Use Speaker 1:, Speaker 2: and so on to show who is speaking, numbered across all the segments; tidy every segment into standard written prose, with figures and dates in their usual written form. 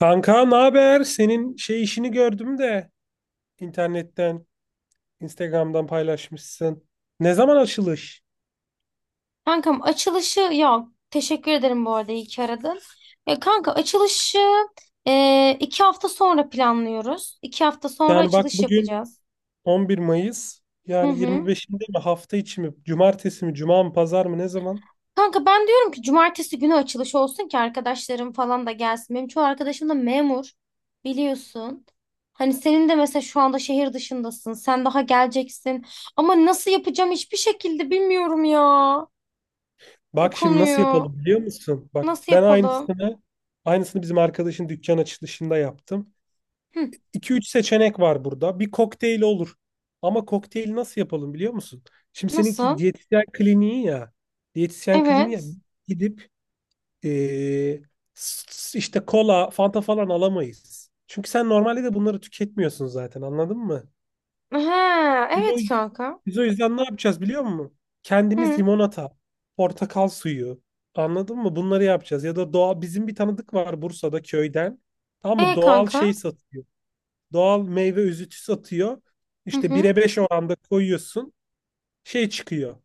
Speaker 1: Kanka ne haber? Senin şey işini gördüm de internetten, Instagram'dan paylaşmışsın. Ne zaman açılış?
Speaker 2: Kankam açılışı ya teşekkür ederim bu arada iyi ki aradın. Ya kanka açılışı iki hafta sonra planlıyoruz. İki hafta sonra
Speaker 1: Yani bak
Speaker 2: açılış
Speaker 1: bugün
Speaker 2: yapacağız.
Speaker 1: 11 Mayıs.
Speaker 2: Hı
Speaker 1: Yani
Speaker 2: hı.
Speaker 1: 25'inde mi, hafta içi mi? Cumartesi mi? Cuma mı? Pazar mı? Ne zaman?
Speaker 2: Kanka ben diyorum ki cumartesi günü açılış olsun ki arkadaşlarım falan da gelsin. Benim çoğu arkadaşım da memur biliyorsun. Hani senin de mesela şu anda şehir dışındasın. Sen daha geleceksin. Ama nasıl yapacağım hiçbir şekilde bilmiyorum ya. O
Speaker 1: Bak şimdi nasıl
Speaker 2: konuyu
Speaker 1: yapalım biliyor musun? Bak
Speaker 2: nasıl
Speaker 1: ben
Speaker 2: yapalım?
Speaker 1: aynısını bizim arkadaşın dükkan açılışında yaptım.
Speaker 2: Hı,
Speaker 1: 2 üç seçenek var burada. Bir kokteyl olur. Ama kokteyli nasıl yapalım biliyor musun? Şimdi seninki
Speaker 2: nasıl?
Speaker 1: diyetisyen kliniği ya. Diyetisyen kliniği ya.
Speaker 2: Evet.
Speaker 1: Gidip Ee, işte kola, Fanta falan alamayız. Çünkü sen normalde de bunları tüketmiyorsun zaten, anladın mı?
Speaker 2: Ha,
Speaker 1: Biz o,
Speaker 2: evet kanka.
Speaker 1: biz o yüzden ne yapacağız biliyor musun? Kendimiz
Speaker 2: Hı.
Speaker 1: limonata, portakal suyu, anladın mı? Bunları yapacağız. Ya da doğal, bizim bir tanıdık var Bursa'da köyden. Tamam mı?
Speaker 2: E
Speaker 1: Doğal
Speaker 2: kanka.
Speaker 1: şey satıyor. Doğal meyve özütü satıyor.
Speaker 2: Hı
Speaker 1: İşte
Speaker 2: hı.
Speaker 1: 1'e 5 oranda koyuyorsun. Şey çıkıyor.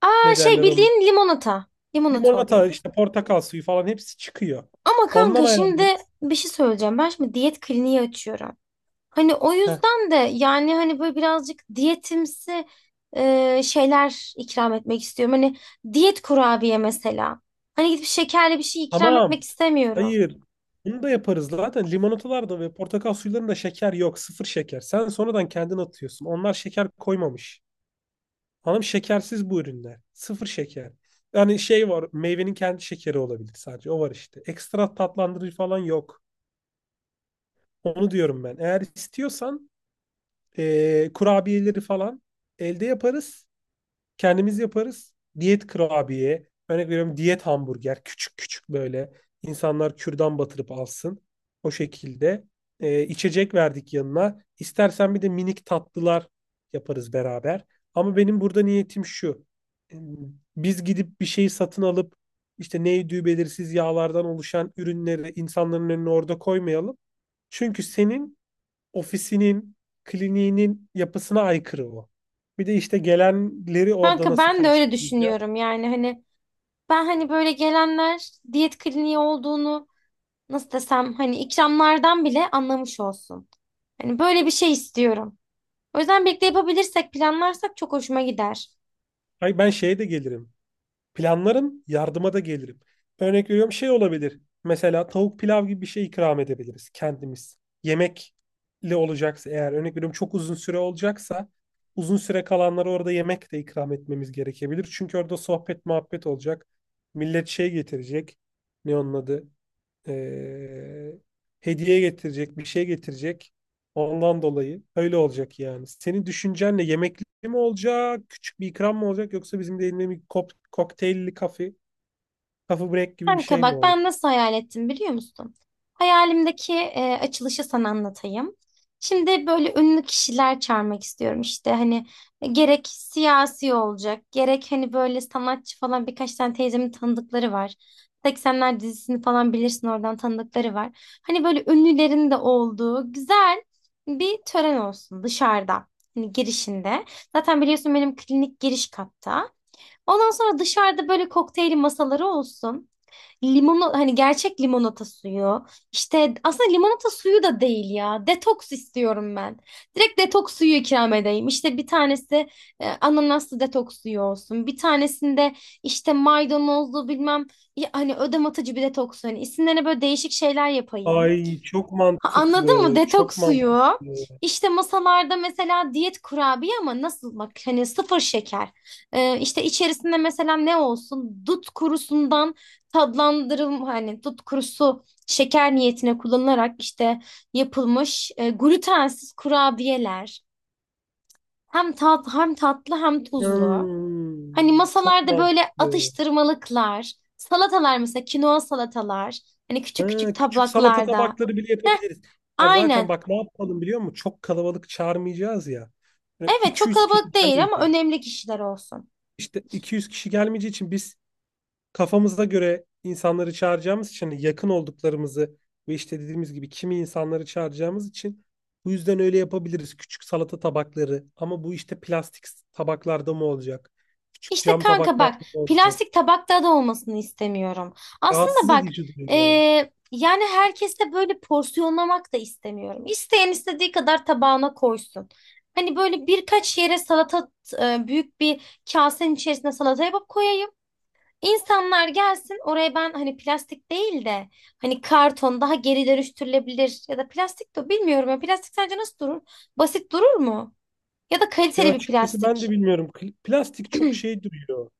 Speaker 2: Aa,
Speaker 1: Ne
Speaker 2: şey
Speaker 1: derler onun?
Speaker 2: bildiğin limonata. Limonata oluyor.
Speaker 1: Limonata işte, portakal suyu falan, hepsi çıkıyor.
Speaker 2: Ama
Speaker 1: Ondan
Speaker 2: kanka şimdi
Speaker 1: ayarlıyoruz.
Speaker 2: bir şey söyleyeceğim. Ben şimdi diyet kliniği açıyorum. Hani o yüzden de yani hani böyle birazcık diyetimsi şeyler ikram etmek istiyorum. Hani diyet kurabiye mesela. Hani gidip şekerli bir şey ikram
Speaker 1: Tamam.
Speaker 2: etmek istemiyorum.
Speaker 1: Hayır. Bunu da yaparız. Zaten limonatalarda ve portakal sularında şeker yok. Sıfır şeker. Sen sonradan kendin atıyorsun. Onlar şeker koymamış. Hanım, şekersiz bu ürünler. Sıfır şeker. Yani şey var. Meyvenin kendi şekeri olabilir sadece. O var işte. Ekstra tatlandırıcı falan yok. Onu diyorum ben. Eğer istiyorsan kurabiyeleri falan elde yaparız. Kendimiz yaparız. Diyet kurabiye, örnek veriyorum, diyet hamburger, küçük küçük, böyle insanlar kürdan batırıp alsın. O şekilde içecek verdik yanına. İstersen bir de minik tatlılar yaparız beraber. Ama benim burada niyetim şu. Ee, Biz gidip bir şeyi satın alıp işte neydi, belirsiz yağlardan oluşan ürünleri insanların önüne orada koymayalım. Çünkü senin ofisinin, kliniğinin yapısına aykırı o. Bir de işte gelenleri orada
Speaker 2: Kanka
Speaker 1: nasıl
Speaker 2: ben de öyle
Speaker 1: karşılayacağız?
Speaker 2: düşünüyorum yani hani ben hani böyle gelenler diyet kliniği olduğunu nasıl desem hani ikramlardan bile anlamış olsun. Hani böyle bir şey istiyorum. O yüzden birlikte yapabilirsek, planlarsak çok hoşuma gider.
Speaker 1: Hayır, ben şeye de gelirim. Planlarım, yardıma da gelirim. Örnek veriyorum, şey olabilir. Mesela tavuk pilav gibi bir şey ikram edebiliriz kendimiz. Yemekle olacaksa eğer, örnek veriyorum, çok uzun süre olacaksa uzun süre kalanlara orada yemek de ikram etmemiz gerekebilir. Çünkü orada sohbet muhabbet olacak. Millet şey getirecek. Ne onun adı? Ee, hediye getirecek, bir şey getirecek. Ondan dolayı öyle olacak yani. Senin düşüncenle yemekli mi olacak, küçük bir ikram mı olacak, yoksa bizim de elinde bir kop kokteylli kafe, coffee break gibi bir
Speaker 2: Kanka
Speaker 1: şey mi
Speaker 2: bak
Speaker 1: olur?
Speaker 2: ben nasıl hayal ettim biliyor musun? Hayalimdeki açılışı sana anlatayım. Şimdi böyle ünlü kişiler çağırmak istiyorum işte hani gerek siyasi olacak gerek hani böyle sanatçı falan birkaç tane teyzemin tanıdıkları var. 80'ler dizisini falan bilirsin oradan tanıdıkları var. Hani böyle ünlülerin de olduğu güzel bir tören olsun dışarıda hani girişinde. Zaten biliyorsun benim klinik giriş katta. Ondan sonra dışarıda böyle kokteyl masaları olsun. Limonu hani gerçek limonata suyu. İşte aslında limonata suyu da değil ya. Detoks istiyorum ben. Direkt detoks suyu ikram edeyim. İşte bir tanesi ananaslı detoks suyu olsun. Bir tanesinde işte maydanozlu bilmem ya hani ödem atıcı bir detoks suyu. Hani isimlerine böyle değişik şeyler yapayım.
Speaker 1: Ay, çok
Speaker 2: Ha, anladın mı?
Speaker 1: mantıklı, çok
Speaker 2: Detoks suyu.
Speaker 1: mantıklı.
Speaker 2: İşte masalarda mesela diyet kurabiye ama nasıl bak hani sıfır şeker. İşte içerisinde mesela ne olsun? Dut kurusundan tatlandırım hani dut kurusu şeker niyetine kullanılarak işte yapılmış glutensiz kurabiyeler. Hem tat hem tatlı hem tuzlu.
Speaker 1: Hmm,
Speaker 2: Hani
Speaker 1: çok
Speaker 2: masalarda böyle
Speaker 1: mantıklı.
Speaker 2: atıştırmalıklar, salatalar mesela kinoa salatalar. Hani küçük küçük
Speaker 1: Ha, küçük salata
Speaker 2: tabaklarda.
Speaker 1: tabakları bile yapabiliriz. Ya zaten
Speaker 2: Aynen.
Speaker 1: bak ne yapalım biliyor musun? Çok kalabalık çağırmayacağız ya. Böyle
Speaker 2: Evet çok
Speaker 1: 200 kişi
Speaker 2: kalabalık değil ama
Speaker 1: gelmeyecek.
Speaker 2: önemli kişiler olsun.
Speaker 1: İşte 200 kişi gelmeyeceği için biz kafamıza göre insanları çağıracağımız için, hani yakın olduklarımızı ve işte dediğimiz gibi kimi insanları çağıracağımız için bu yüzden öyle yapabiliriz. Küçük salata tabakları, ama bu işte plastik tabaklarda mı olacak? Küçük
Speaker 2: İşte
Speaker 1: cam
Speaker 2: kanka
Speaker 1: tabaklarda
Speaker 2: bak
Speaker 1: mı olacak?
Speaker 2: plastik tabakta da olmasını istemiyorum. Aslında
Speaker 1: Rahatsız
Speaker 2: bak
Speaker 1: edici
Speaker 2: e,
Speaker 1: duruyor.
Speaker 2: yani herkese böyle porsiyonlamak da istemiyorum. İsteyen istediği kadar tabağına koysun. Hani böyle birkaç yere salata büyük bir kasenin içerisine salata yapıp koyayım. İnsanlar gelsin oraya, ben hani plastik değil de hani karton daha geri dönüştürülebilir ya da plastik de bilmiyorum ya, plastik sence nasıl durur? Basit durur mu? Ya da
Speaker 1: Ya
Speaker 2: kaliteli bir
Speaker 1: açıkçası ben de
Speaker 2: plastik.
Speaker 1: bilmiyorum. Plastik çok şey duruyor.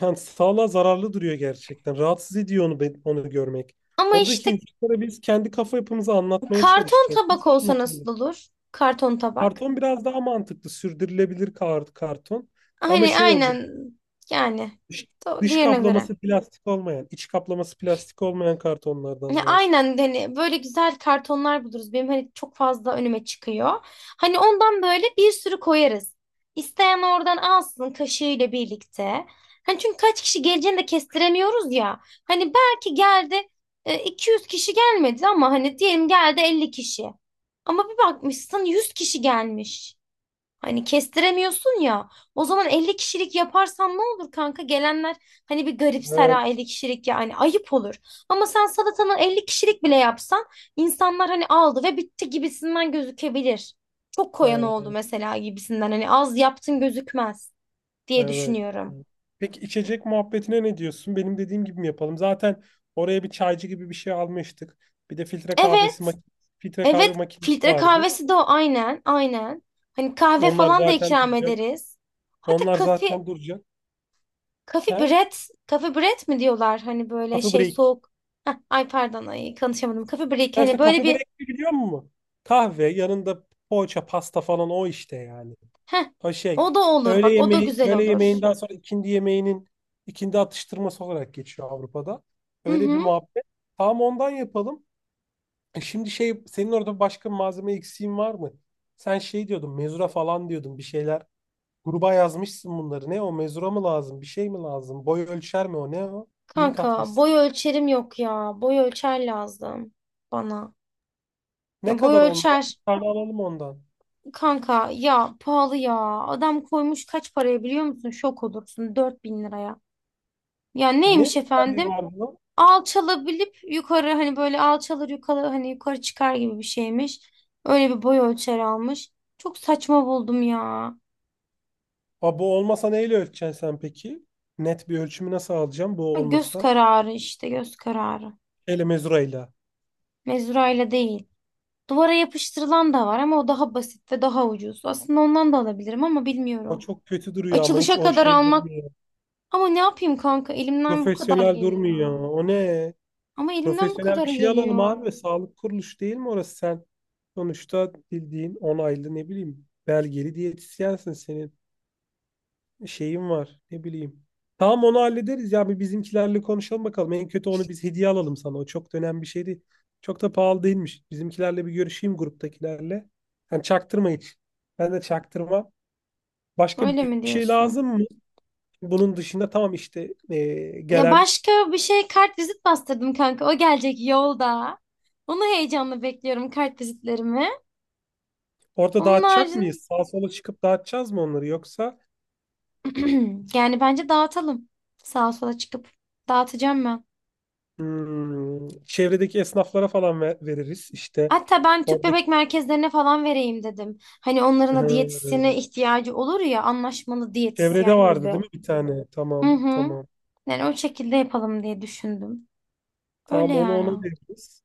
Speaker 1: Yani sağlığa zararlı duruyor gerçekten. Rahatsız ediyor onu, onu görmek.
Speaker 2: Ama
Speaker 1: Oradaki
Speaker 2: işte
Speaker 1: insanlara biz kendi kafa yapımızı anlatmaya
Speaker 2: karton
Speaker 1: çalışacağız.
Speaker 2: tabak
Speaker 1: Nasıl
Speaker 2: olsa
Speaker 1: anlatalım?
Speaker 2: nasıl olur? Karton tabak.
Speaker 1: Karton biraz daha mantıklı. Sürdürülebilir karton. Ama
Speaker 2: Hani
Speaker 1: şey olacak.
Speaker 2: aynen yani.
Speaker 1: Dış, dış
Speaker 2: Diğerine göre.
Speaker 1: kaplaması plastik olmayan, iç kaplaması plastik olmayan
Speaker 2: Ya,
Speaker 1: kartonlardan lazım.
Speaker 2: aynen hani böyle güzel kartonlar buluruz. Benim hani çok fazla önüme çıkıyor. Hani ondan böyle bir sürü koyarız. İsteyen oradan alsın kaşığıyla birlikte. Hani çünkü kaç kişi geleceğini de kestiremiyoruz ya. Hani belki geldi 200 kişi gelmedi ama hani diyelim geldi 50 kişi. Ama bir bakmışsın 100 kişi gelmiş. Hani kestiremiyorsun ya. O zaman 50 kişilik yaparsan ne olur kanka? Gelenler hani bir garipser ha,
Speaker 1: Evet.
Speaker 2: 50 kişilik ya hani ayıp olur. Ama sen salatanı 50 kişilik bile yapsan insanlar hani aldı ve bitti gibisinden gözükebilir. Çok koyan oldu
Speaker 1: He,
Speaker 2: mesela gibisinden hani az yaptın gözükmez diye
Speaker 1: evet.
Speaker 2: düşünüyorum.
Speaker 1: Peki içecek muhabbetine ne diyorsun? Benim dediğim gibi mi yapalım? Zaten oraya bir çaycı gibi bir şey almıştık. Bir de filtre kahvesi
Speaker 2: Evet,
Speaker 1: mak- Filtre kahve
Speaker 2: evet
Speaker 1: makinesi
Speaker 2: filtre
Speaker 1: vardı.
Speaker 2: kahvesi de o aynen, aynen. Hani kahve
Speaker 1: Onlar
Speaker 2: falan da
Speaker 1: zaten
Speaker 2: ikram
Speaker 1: duracak.
Speaker 2: ederiz. Hatta
Speaker 1: Onlar
Speaker 2: kafe,
Speaker 1: zaten duracak.
Speaker 2: Kafi
Speaker 1: He?
Speaker 2: Bread, Kafi Bread mi diyorlar hani böyle
Speaker 1: Coffee
Speaker 2: şey
Speaker 1: break.
Speaker 2: soğuk. Heh, ay pardon ay konuşamadım. Kafi Break
Speaker 1: Ya
Speaker 2: hani
Speaker 1: işte
Speaker 2: böyle
Speaker 1: coffee break
Speaker 2: bir
Speaker 1: ne biliyor musun? Kahve yanında poğaça, pasta falan, o işte yani.
Speaker 2: heh,
Speaker 1: O şey,
Speaker 2: o da olur
Speaker 1: öğle
Speaker 2: bak, o da
Speaker 1: yemeği,
Speaker 2: güzel
Speaker 1: öğle
Speaker 2: olur.
Speaker 1: yemeğinden sonra ikindi yemeğinin, ikindi atıştırması olarak geçiyor Avrupa'da.
Speaker 2: Hı
Speaker 1: Öyle bir
Speaker 2: hı.
Speaker 1: muhabbet. Tamam, ondan yapalım. E şimdi şey, senin orada başka malzeme eksiğin var mı? Sen şey diyordun, mezura falan diyordun bir şeyler. Gruba yazmışsın bunları. Ne o, mezura mı lazım? Bir şey mi lazım? Boy ölçer mi o? Ne o? Link
Speaker 2: Kanka boy
Speaker 1: atmışsın.
Speaker 2: ölçerim yok ya. Boy ölçer lazım bana. Ya
Speaker 1: Ne
Speaker 2: boy
Speaker 1: kadar onlara?
Speaker 2: ölçer
Speaker 1: Bir tane alalım ondan.
Speaker 2: kanka ya pahalı ya. Adam koymuş kaç paraya biliyor musun? Şok olursun, 4.000 liraya. Ya
Speaker 1: Ne
Speaker 2: neymiş
Speaker 1: özelliği
Speaker 2: efendim?
Speaker 1: var bunun?
Speaker 2: Alçalabilip yukarı hani böyle alçalır yukarı hani yukarı çıkar gibi bir şeymiş. Öyle bir boy ölçer almış. Çok saçma buldum ya.
Speaker 1: Aa, bu olmasa neyle ölçeceksin sen peki? Net bir ölçümü nasıl alacağım
Speaker 2: Ha,
Speaker 1: bu
Speaker 2: göz
Speaker 1: olmasa?
Speaker 2: kararı işte, göz kararı.
Speaker 1: Ele mezurayla.
Speaker 2: Mezurayla değil. Duvara yapıştırılan da var ama o daha basit ve daha ucuz. Aslında ondan da alabilirim ama
Speaker 1: O
Speaker 2: bilmiyorum.
Speaker 1: çok kötü duruyor ama, hiç
Speaker 2: Açılışa
Speaker 1: o
Speaker 2: kadar
Speaker 1: şey
Speaker 2: almak
Speaker 1: durmuyor.
Speaker 2: ama ne yapayım kanka, elimden bu kadar
Speaker 1: Profesyonel
Speaker 2: geliyor.
Speaker 1: durmuyor. O ne?
Speaker 2: Ama elimden bu
Speaker 1: Profesyonel
Speaker 2: kadar
Speaker 1: bir şey alalım
Speaker 2: geliyor.
Speaker 1: abi. Sağlık kuruluşu değil mi orası sen? Sonuçta bildiğin onaylı, ne bileyim, belgeli diyetisyensin. Senin şeyim var. Ne bileyim. Tamam, onu hallederiz ya. Bir bizimkilerle konuşalım bakalım. En kötü onu biz hediye alalım sana. O çok da önemli bir şey değil. Çok da pahalı değilmiş. Bizimkilerle bir görüşeyim, gruptakilerle. Yani çaktırma hiç. Ben de çaktırma. Başka bir
Speaker 2: Öyle mi
Speaker 1: şey
Speaker 2: diyorsun?
Speaker 1: lazım mı? Bunun dışında tamam işte,
Speaker 2: Ya
Speaker 1: gelen
Speaker 2: başka bir şey, kart vizit bastırdım kanka. O gelecek yolda. Onu heyecanla bekliyorum, kart vizitlerimi.
Speaker 1: orada
Speaker 2: Onun
Speaker 1: dağıtacak
Speaker 2: haricinde
Speaker 1: mıyız? Sağa sola çıkıp dağıtacağız mı onları, yoksa
Speaker 2: yani bence dağıtalım. Sağa sola çıkıp dağıtacağım ben.
Speaker 1: çevredeki esnaflara falan veririz. İşte
Speaker 2: Hatta ben tüp
Speaker 1: oradaki
Speaker 2: bebek merkezlerine falan vereyim dedim. Hani onların da diyetisyene
Speaker 1: Hmm.
Speaker 2: ihtiyacı olur ya, anlaşmalı
Speaker 1: çevrede
Speaker 2: diyetisyen
Speaker 1: vardı
Speaker 2: gibi.
Speaker 1: değil mi bir tane?
Speaker 2: Hı
Speaker 1: Tamam,
Speaker 2: hı.
Speaker 1: tamam.
Speaker 2: Yani o şekilde yapalım diye düşündüm. Öyle
Speaker 1: Tamam, onu ona
Speaker 2: yani.
Speaker 1: veririz.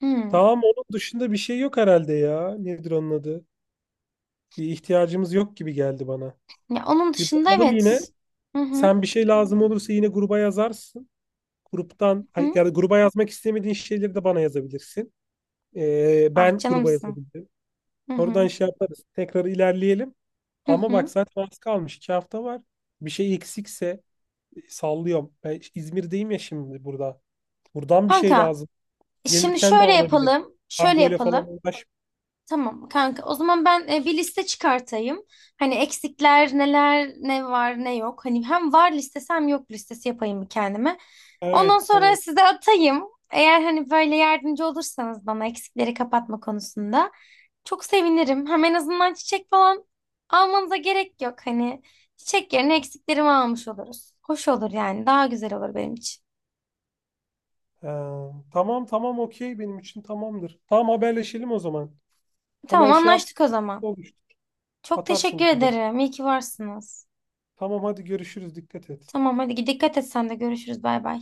Speaker 2: Hı.
Speaker 1: Tamam, onun dışında bir şey yok herhalde ya. Nedir onun adı? Bir ihtiyacımız yok gibi geldi bana.
Speaker 2: Ya onun
Speaker 1: Bir
Speaker 2: dışında
Speaker 1: bakalım yine.
Speaker 2: evet. Hı hı.
Speaker 1: Sen bir şey lazım olursa yine gruba yazarsın. Gruptan, ay,
Speaker 2: Hı.
Speaker 1: yani gruba yazmak istemediğin şeyleri de bana yazabilirsin.
Speaker 2: Ah
Speaker 1: Ben gruba
Speaker 2: canımsın.
Speaker 1: yazabilirim.
Speaker 2: Hı
Speaker 1: Oradan
Speaker 2: hı.
Speaker 1: şey yaparız. Tekrar ilerleyelim.
Speaker 2: Hı
Speaker 1: Ama bak
Speaker 2: hı.
Speaker 1: zaten az kalmış. İki hafta var. Bir şey eksikse sallıyorum. Ben İzmir'deyim ya şimdi burada. Buradan bir şey
Speaker 2: Kanka,
Speaker 1: lazım.
Speaker 2: şimdi
Speaker 1: Gelirken de
Speaker 2: şöyle
Speaker 1: alabilirim.
Speaker 2: yapalım, şöyle
Speaker 1: Kargoyla falan
Speaker 2: yapalım.
Speaker 1: uğraşmayayım.
Speaker 2: Tamam kanka. O zaman ben bir liste çıkartayım. Hani eksikler neler, ne var, ne yok. Hani hem var listesi hem yok listesi yapayım bir kendime. Ondan
Speaker 1: Evet,
Speaker 2: sonra
Speaker 1: evet.
Speaker 2: size atayım. Eğer hani böyle yardımcı olursanız bana eksikleri kapatma konusunda çok sevinirim. Hem en azından çiçek falan almanıza gerek yok. Hani çiçek yerine eksiklerimi almış oluruz. Hoş olur yani. Daha güzel olur benim için.
Speaker 1: Ee, tamam tamam okey, benim için tamamdır. Tamam, haberleşelim o zaman.
Speaker 2: Tamam
Speaker 1: Hemen şey yap,
Speaker 2: anlaştık o zaman.
Speaker 1: oluştu.
Speaker 2: Çok teşekkür
Speaker 1: Atarsın bana.
Speaker 2: ederim. İyi ki varsınız.
Speaker 1: Tamam hadi, görüşürüz. Dikkat et.
Speaker 2: Tamam hadi dikkat et sen de, görüşürüz. Bay bay.